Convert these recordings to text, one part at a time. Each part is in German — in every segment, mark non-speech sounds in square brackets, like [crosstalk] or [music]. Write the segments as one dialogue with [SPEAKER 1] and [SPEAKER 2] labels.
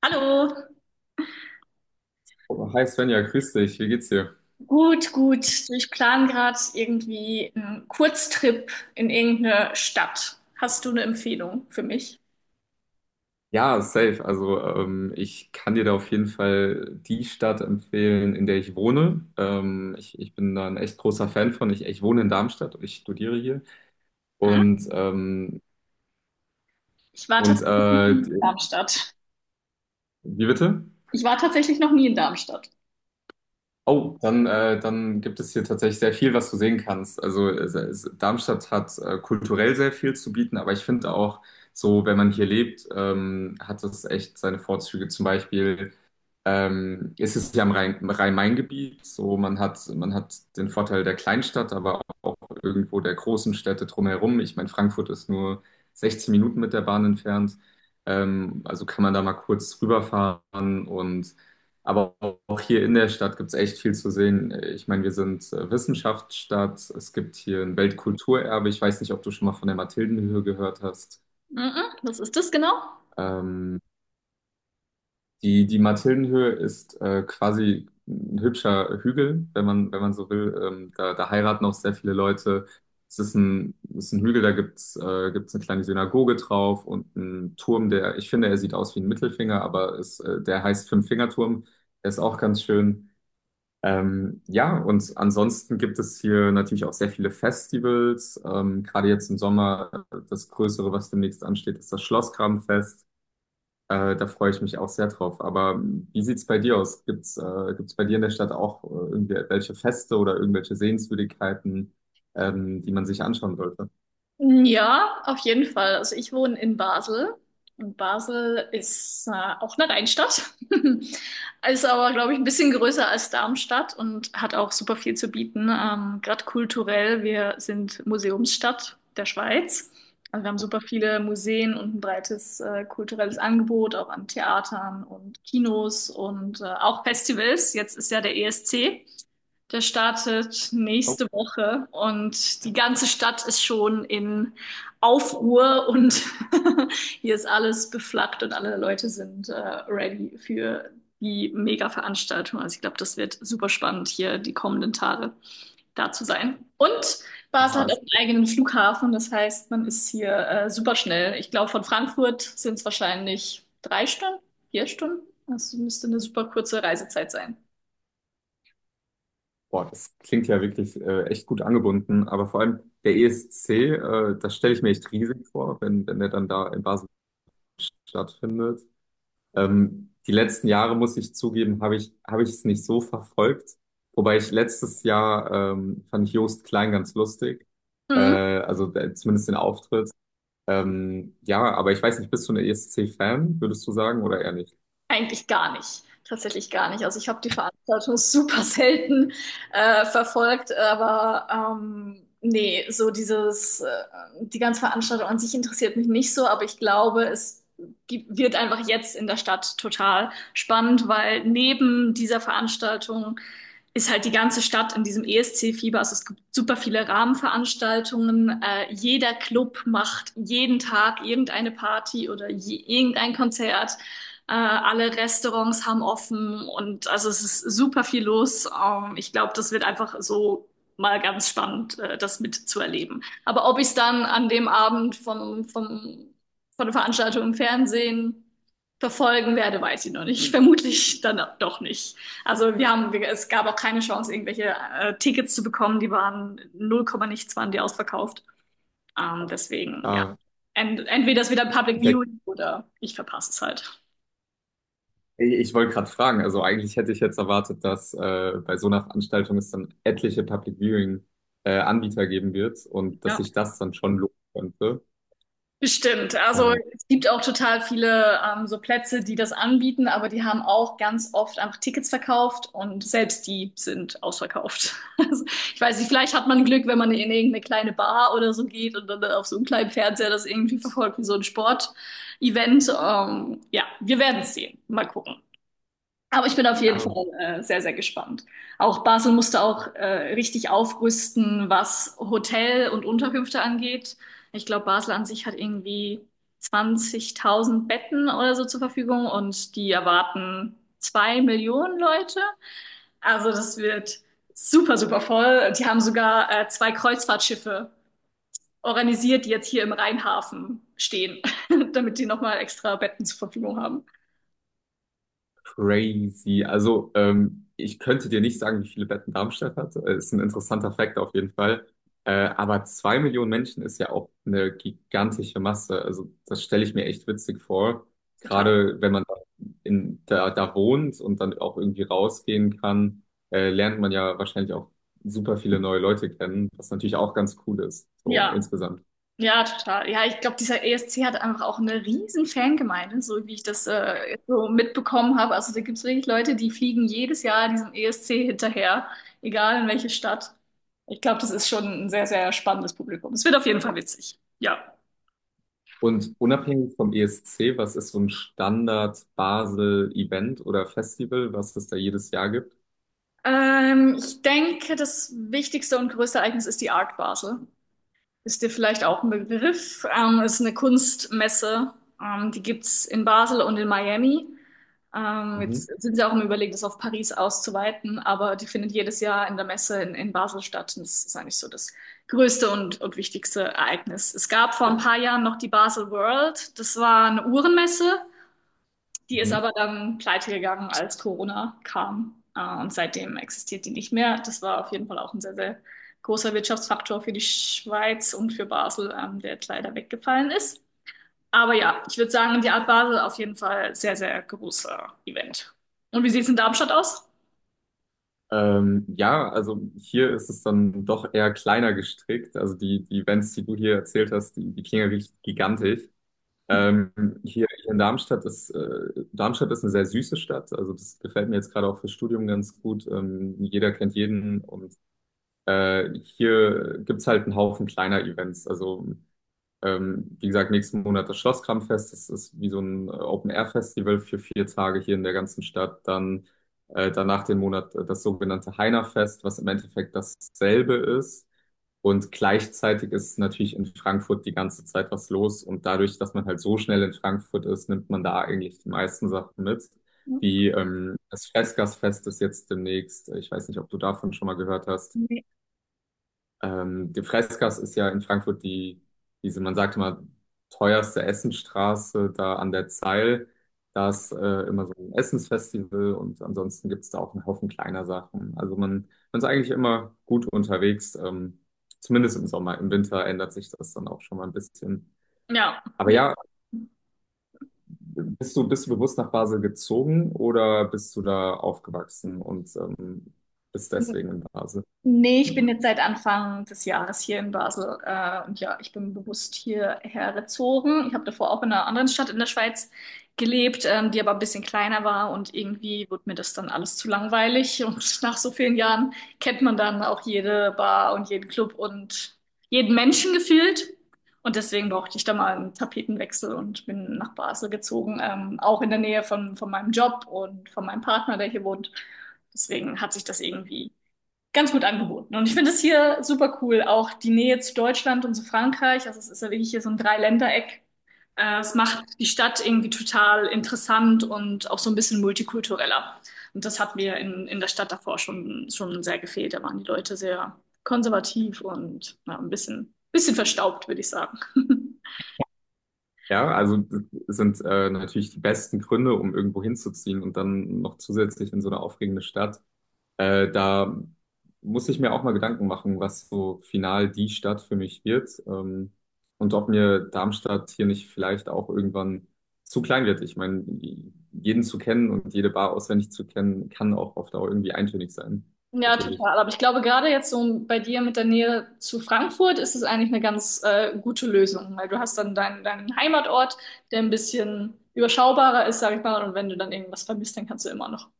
[SPEAKER 1] Hallo,
[SPEAKER 2] Hi Svenja, grüß dich, wie geht's dir?
[SPEAKER 1] gut, gut. Ich plane gerade irgendwie einen Kurztrip in irgendeine Stadt. Hast du eine Empfehlung für mich?
[SPEAKER 2] Ja, safe. Also ich kann dir da auf jeden Fall die Stadt empfehlen, in der ich wohne. Ich bin da ein echt großer Fan von. Ich wohne in Darmstadt und ich studiere hier.
[SPEAKER 1] Hm?
[SPEAKER 2] Und, ähm,
[SPEAKER 1] Ich war
[SPEAKER 2] und
[SPEAKER 1] tatsächlich noch nie in
[SPEAKER 2] äh,
[SPEAKER 1] Darmstadt.
[SPEAKER 2] wie bitte?
[SPEAKER 1] Ich war tatsächlich noch nie in Darmstadt.
[SPEAKER 2] Oh, dann, dann gibt es hier tatsächlich sehr viel, was du sehen kannst. Darmstadt hat kulturell sehr viel zu bieten, aber ich finde auch so, wenn man hier lebt, hat es echt seine Vorzüge. Zum Beispiel, es ist ja im Rhein-Main-Gebiet, so man hat den Vorteil der Kleinstadt, aber auch irgendwo der großen Städte drumherum. Ich meine, Frankfurt ist nur 16 Minuten mit der Bahn entfernt, also kann man da mal kurz rüberfahren und aber auch hier in der Stadt gibt es echt viel zu sehen. Ich meine, wir sind Wissenschaftsstadt, es gibt hier ein Weltkulturerbe. Ich weiß nicht, ob du schon mal von der Mathildenhöhe gehört hast.
[SPEAKER 1] Mhm. Was ist das genau?
[SPEAKER 2] Ähm, die Mathildenhöhe ist quasi ein hübscher Hügel, wenn man so will. Da heiraten auch sehr viele Leute. Es ist ein Hügel, da gibt's eine kleine Synagoge drauf und einen Turm, der, ich finde, er sieht aus wie ein Mittelfinger, aber der heißt Fünffingerturm. Der ist auch ganz schön. Ja, und ansonsten gibt es hier natürlich auch sehr viele Festivals. Gerade jetzt im Sommer, das Größere, was demnächst ansteht, ist das Schlossgrabenfest. Da freue ich mich auch sehr drauf. Aber wie sieht's bei dir aus? Gibt's bei dir in der Stadt auch irgendwelche Feste oder irgendwelche Sehenswürdigkeiten, die man sich anschauen sollte?
[SPEAKER 1] Ja, auf jeden Fall. Also ich wohne in Basel und Basel ist auch eine Rheinstadt, [laughs] ist aber, glaube ich, ein bisschen größer als Darmstadt und hat auch super viel zu bieten. Gerade kulturell, wir sind Museumsstadt der Schweiz. Also wir haben super viele Museen und ein breites kulturelles Angebot, auch an Theatern und Kinos und auch Festivals. Jetzt ist ja der ESC. Der startet
[SPEAKER 2] Oh,
[SPEAKER 1] nächste Woche und die ganze Stadt ist schon in Aufruhr und [laughs] hier ist alles beflaggt und alle Leute sind ready für die Mega-Veranstaltung. Also ich glaube, das wird super spannend, hier die kommenden Tage da zu sein. Und Basel
[SPEAKER 2] ja,
[SPEAKER 1] hat auch einen eigenen Flughafen, das heißt, man ist hier super schnell. Ich glaube, von Frankfurt sind es wahrscheinlich 3 Stunden, 4 Stunden. Das müsste eine super kurze Reisezeit sein.
[SPEAKER 2] das klingt ja wirklich echt gut angebunden. Aber vor allem der ESC, das stelle ich mir echt riesig vor, wenn, wenn der dann da in Basel stattfindet. Die letzten Jahre, muss ich zugeben, habe ich es nicht so verfolgt. Wobei ich letztes Jahr fand ich Joost Klein ganz lustig.
[SPEAKER 1] Mhm.
[SPEAKER 2] Zumindest den Auftritt. Ja, aber ich weiß nicht, bist du ein ESC-Fan, würdest du sagen, oder eher nicht?
[SPEAKER 1] Eigentlich gar nicht. Tatsächlich gar nicht. Also ich habe die Veranstaltung [laughs] super selten verfolgt, aber nee, so die ganze Veranstaltung an sich interessiert mich nicht so, aber ich glaube, wird einfach jetzt in der Stadt total spannend, weil neben dieser Veranstaltung ist halt die ganze Stadt in diesem ESC-Fieber. Also es gibt super viele Rahmenveranstaltungen. Jeder Club macht jeden Tag irgendeine Party oder irgendein Konzert. Alle Restaurants haben offen und also es ist super viel los. Ich glaube, das wird einfach so mal ganz spannend, das mitzuerleben. Aber ob ich es dann an dem Abend von der Veranstaltung im Fernsehen verfolgen werde, weiß ich noch nicht. Vermutlich dann doch nicht. Also es gab auch keine Chance, irgendwelche Tickets zu bekommen. Die waren 0, nichts waren die ausverkauft. Deswegen, ja.
[SPEAKER 2] Ja,
[SPEAKER 1] Entweder es wieder ein Public
[SPEAKER 2] der,
[SPEAKER 1] Viewing oder ich verpasse es halt.
[SPEAKER 2] ich wollte gerade fragen, also eigentlich hätte ich jetzt erwartet, dass bei so einer Veranstaltung es dann etliche Public Viewing Anbieter geben wird und dass
[SPEAKER 1] Ja.
[SPEAKER 2] sich das dann schon lohnen könnte.
[SPEAKER 1] Bestimmt. Also
[SPEAKER 2] Äh,
[SPEAKER 1] es gibt auch total viele so Plätze, die das anbieten, aber die haben auch ganz oft einfach Tickets verkauft und selbst die sind ausverkauft. [laughs] Also, ich weiß nicht, vielleicht hat man Glück, wenn man in irgendeine kleine Bar oder so geht und dann auf so einem kleinen Fernseher das irgendwie verfolgt wie so ein Sportevent. Ja, wir werden es sehen. Mal gucken. Aber ich bin auf jeden
[SPEAKER 2] ja.
[SPEAKER 1] Fall sehr, sehr gespannt. Auch Basel musste auch richtig aufrüsten, was Hotel und Unterkünfte angeht. Ich glaube, Basel an sich hat irgendwie 20.000 Betten oder so zur Verfügung und die erwarten 2 Millionen Leute. Also das wird super, super voll. Die haben sogar zwei Kreuzfahrtschiffe organisiert, die jetzt hier im Rheinhafen stehen, [laughs] damit die nochmal extra Betten zur Verfügung haben.
[SPEAKER 2] Crazy. Also, ich könnte dir nicht sagen, wie viele Betten Darmstadt hat. Ist ein interessanter Fakt auf jeden Fall. Äh, aber 2 Millionen Menschen ist ja auch eine gigantische Masse. Also, das stelle ich mir echt witzig vor.
[SPEAKER 1] Total.
[SPEAKER 2] Gerade wenn man da wohnt und dann auch irgendwie rausgehen kann, lernt man ja wahrscheinlich auch super viele neue Leute kennen, was natürlich auch ganz cool ist, so
[SPEAKER 1] Ja.
[SPEAKER 2] insgesamt.
[SPEAKER 1] Ja, total. Ja, ich glaube, dieser ESC hat einfach auch eine riesen Fangemeinde, so wie ich das jetzt so mitbekommen habe. Also da gibt es wirklich Leute, die fliegen jedes Jahr diesem ESC hinterher, egal in welche Stadt. Ich glaube, das ist schon ein sehr, sehr spannendes Publikum. Es wird auf jeden Fall witzig. Ja.
[SPEAKER 2] Und unabhängig vom ESC, was ist so ein Standard-Basel-Event oder Festival, was es da jedes Jahr gibt?
[SPEAKER 1] Ich denke, das wichtigste und größte Ereignis ist die Art Basel. Ist dir vielleicht auch ein Begriff. Ist eine Kunstmesse. Die gibt's in Basel und in Miami. Jetzt
[SPEAKER 2] Mhm,
[SPEAKER 1] sind sie auch im Überlegen, das auf Paris auszuweiten, aber die findet jedes Jahr in der Messe in Basel statt. Und das ist eigentlich so das größte und wichtigste Ereignis. Es gab vor ein paar Jahren noch die Basel World. Das war eine Uhrenmesse, die ist
[SPEAKER 2] mhm.
[SPEAKER 1] aber dann pleite gegangen, als Corona kam. Und seitdem existiert die nicht mehr. Das war auf jeden Fall auch ein sehr, sehr großer Wirtschaftsfaktor für die Schweiz und für Basel, der jetzt leider weggefallen ist. Aber ja, ich würde sagen, die Art Basel auf jeden Fall sehr, sehr großer Event. Und wie sieht es in Darmstadt aus?
[SPEAKER 2] Ja, also hier ist es dann doch eher kleiner gestrickt. Also die Events, die du hier erzählt hast, die klingen ja richtig gigantisch. Ähm, hier in Darmstadt Darmstadt ist eine sehr süße Stadt. Also das gefällt mir jetzt gerade auch fürs Studium ganz gut. Jeder kennt jeden und hier gibt's halt einen Haufen kleiner Events. Also, wie gesagt, nächsten Monat das Schlosskramfest. Das ist wie so ein Open-Air-Festival für 4 Tage hier in der ganzen Stadt. Dann danach den Monat das sogenannte Heinerfest, was im Endeffekt dasselbe ist. Und gleichzeitig ist natürlich in Frankfurt die ganze Zeit was los. Und dadurch, dass man halt so schnell in Frankfurt ist, nimmt man da eigentlich die meisten Sachen mit. Wie das Freßgassfest ist jetzt demnächst. Ich weiß nicht, ob du davon schon mal gehört hast.
[SPEAKER 1] Nee.
[SPEAKER 2] Die Freisgasse ist ja in Frankfurt die, man sagt immer, teuerste Essenstraße da an der Zeil. Da ist immer so ein Essensfestival und ansonsten gibt's da auch einen Haufen kleiner Sachen. Also man ist eigentlich immer gut unterwegs, zumindest im Sommer. Im Winter ändert sich das dann auch schon mal ein bisschen.
[SPEAKER 1] Ja,
[SPEAKER 2] Aber
[SPEAKER 1] wie?
[SPEAKER 2] ja, bist du bewusst nach Basel gezogen oder bist du da aufgewachsen und bist deswegen in Basel?
[SPEAKER 1] Nee, ich bin jetzt seit Anfang des Jahres hier in Basel. Und ja, ich bin bewusst hierher gezogen. Ich habe davor auch in einer anderen Stadt in der Schweiz gelebt, die aber ein bisschen kleiner war. Und irgendwie wurde mir das dann alles zu langweilig. [laughs] Und nach so vielen Jahren kennt man dann auch jede Bar und jeden Club und jeden Menschen gefühlt. Und deswegen brauchte ich da mal einen Tapetenwechsel und bin nach Basel gezogen, auch in der Nähe von meinem Job und von meinem Partner, der hier wohnt. Deswegen hat sich das irgendwie ganz gut angeboten. Und ich finde es hier super cool, auch die Nähe zu Deutschland und zu Frankreich. Also es ist ja wirklich hier so ein Dreiländereck. Es macht die Stadt irgendwie total interessant und auch so ein bisschen multikultureller. Und das hat mir in der Stadt davor schon sehr gefehlt. Da waren die Leute sehr konservativ und ja, ein bisschen verstaubt, würde ich sagen. [laughs]
[SPEAKER 2] Ja, also das sind natürlich die besten Gründe, um irgendwo hinzuziehen und dann noch zusätzlich in so eine aufregende Stadt. Da muss ich mir auch mal Gedanken machen, was so final die Stadt für mich wird und ob mir Darmstadt hier nicht vielleicht auch irgendwann zu klein wird. Ich meine, jeden zu kennen und jede Bar auswendig zu kennen, kann auch auf Dauer irgendwie eintönig sein,
[SPEAKER 1] Ja,
[SPEAKER 2] natürlich.
[SPEAKER 1] total. Aber ich glaube, gerade jetzt so bei dir mit der Nähe zu Frankfurt ist es eigentlich eine ganz gute Lösung, weil du hast dann deinen Heimatort, der ein bisschen überschaubarer ist, sag ich mal. Und wenn du dann irgendwas vermisst, dann kannst du immer noch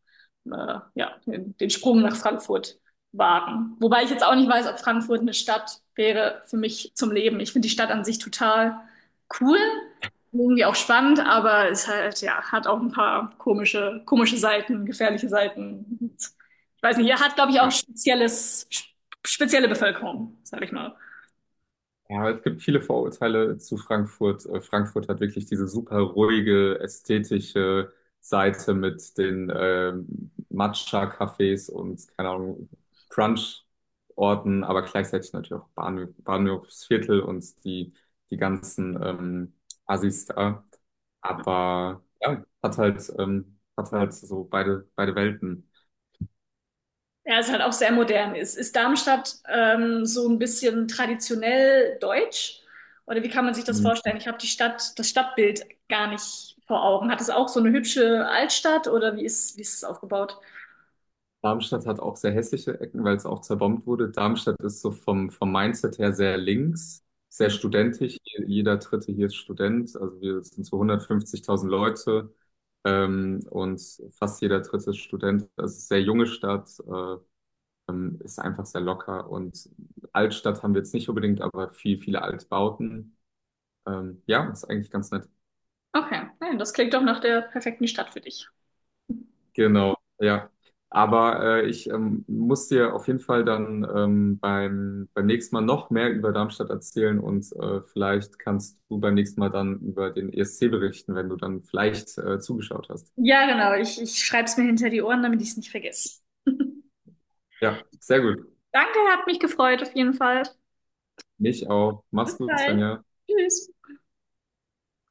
[SPEAKER 1] ja, den Sprung nach Frankfurt wagen. Wobei ich jetzt auch nicht weiß, ob Frankfurt eine Stadt wäre für mich zum Leben. Ich finde die Stadt an sich total cool, irgendwie auch spannend, aber es halt, ja, hat auch ein paar komische, komische Seiten, gefährliche Seiten. Ich weiß nicht, er hat, glaube ich, auch spezielle Bevölkerung, sage ich mal.
[SPEAKER 2] Ja, es gibt viele Vorurteile zu Frankfurt. Frankfurt hat wirklich diese super ruhige, ästhetische Seite mit den Matcha-Cafés und, keine Ahnung, Crunch-Orten, aber gleichzeitig natürlich auch Bahnhof, Bahnhofsviertel und die ganzen Assis da. Aber ja, hat halt so beide Welten.
[SPEAKER 1] Er ist halt auch sehr modern. Ist Darmstadt so ein bisschen traditionell deutsch? Oder wie kann man sich das vorstellen? Ich habe die Stadt, das Stadtbild gar nicht vor Augen. Hat es auch so eine hübsche Altstadt oder wie ist es aufgebaut?
[SPEAKER 2] Darmstadt hat auch sehr hässliche Ecken, weil es auch zerbombt wurde. Darmstadt ist so vom Mindset her sehr links, sehr
[SPEAKER 1] Mhm.
[SPEAKER 2] studentisch. Jeder Dritte hier ist Student. Also wir sind so 150.000 Leute und fast jeder Dritte ist Student. Das ist eine sehr junge Stadt, ist einfach sehr locker. Und Altstadt haben wir jetzt nicht unbedingt, aber viele Altbauten. Ja, ist eigentlich ganz nett.
[SPEAKER 1] Okay, nein, das klingt doch nach der perfekten Stadt für dich.
[SPEAKER 2] Genau, ja. Aber ich muss dir auf jeden Fall dann beim nächsten Mal noch mehr über Darmstadt erzählen und vielleicht kannst du beim nächsten Mal dann über den ESC berichten, wenn du dann vielleicht zugeschaut hast.
[SPEAKER 1] Ja, genau. Ich schreibe es mir hinter die Ohren, damit ich es nicht vergesse.
[SPEAKER 2] Ja, sehr gut.
[SPEAKER 1] Danke, hat mich gefreut auf jeden Fall.
[SPEAKER 2] Mich auch.
[SPEAKER 1] Bis
[SPEAKER 2] Mach's gut,
[SPEAKER 1] bald.
[SPEAKER 2] Svenja.
[SPEAKER 1] Tschüss.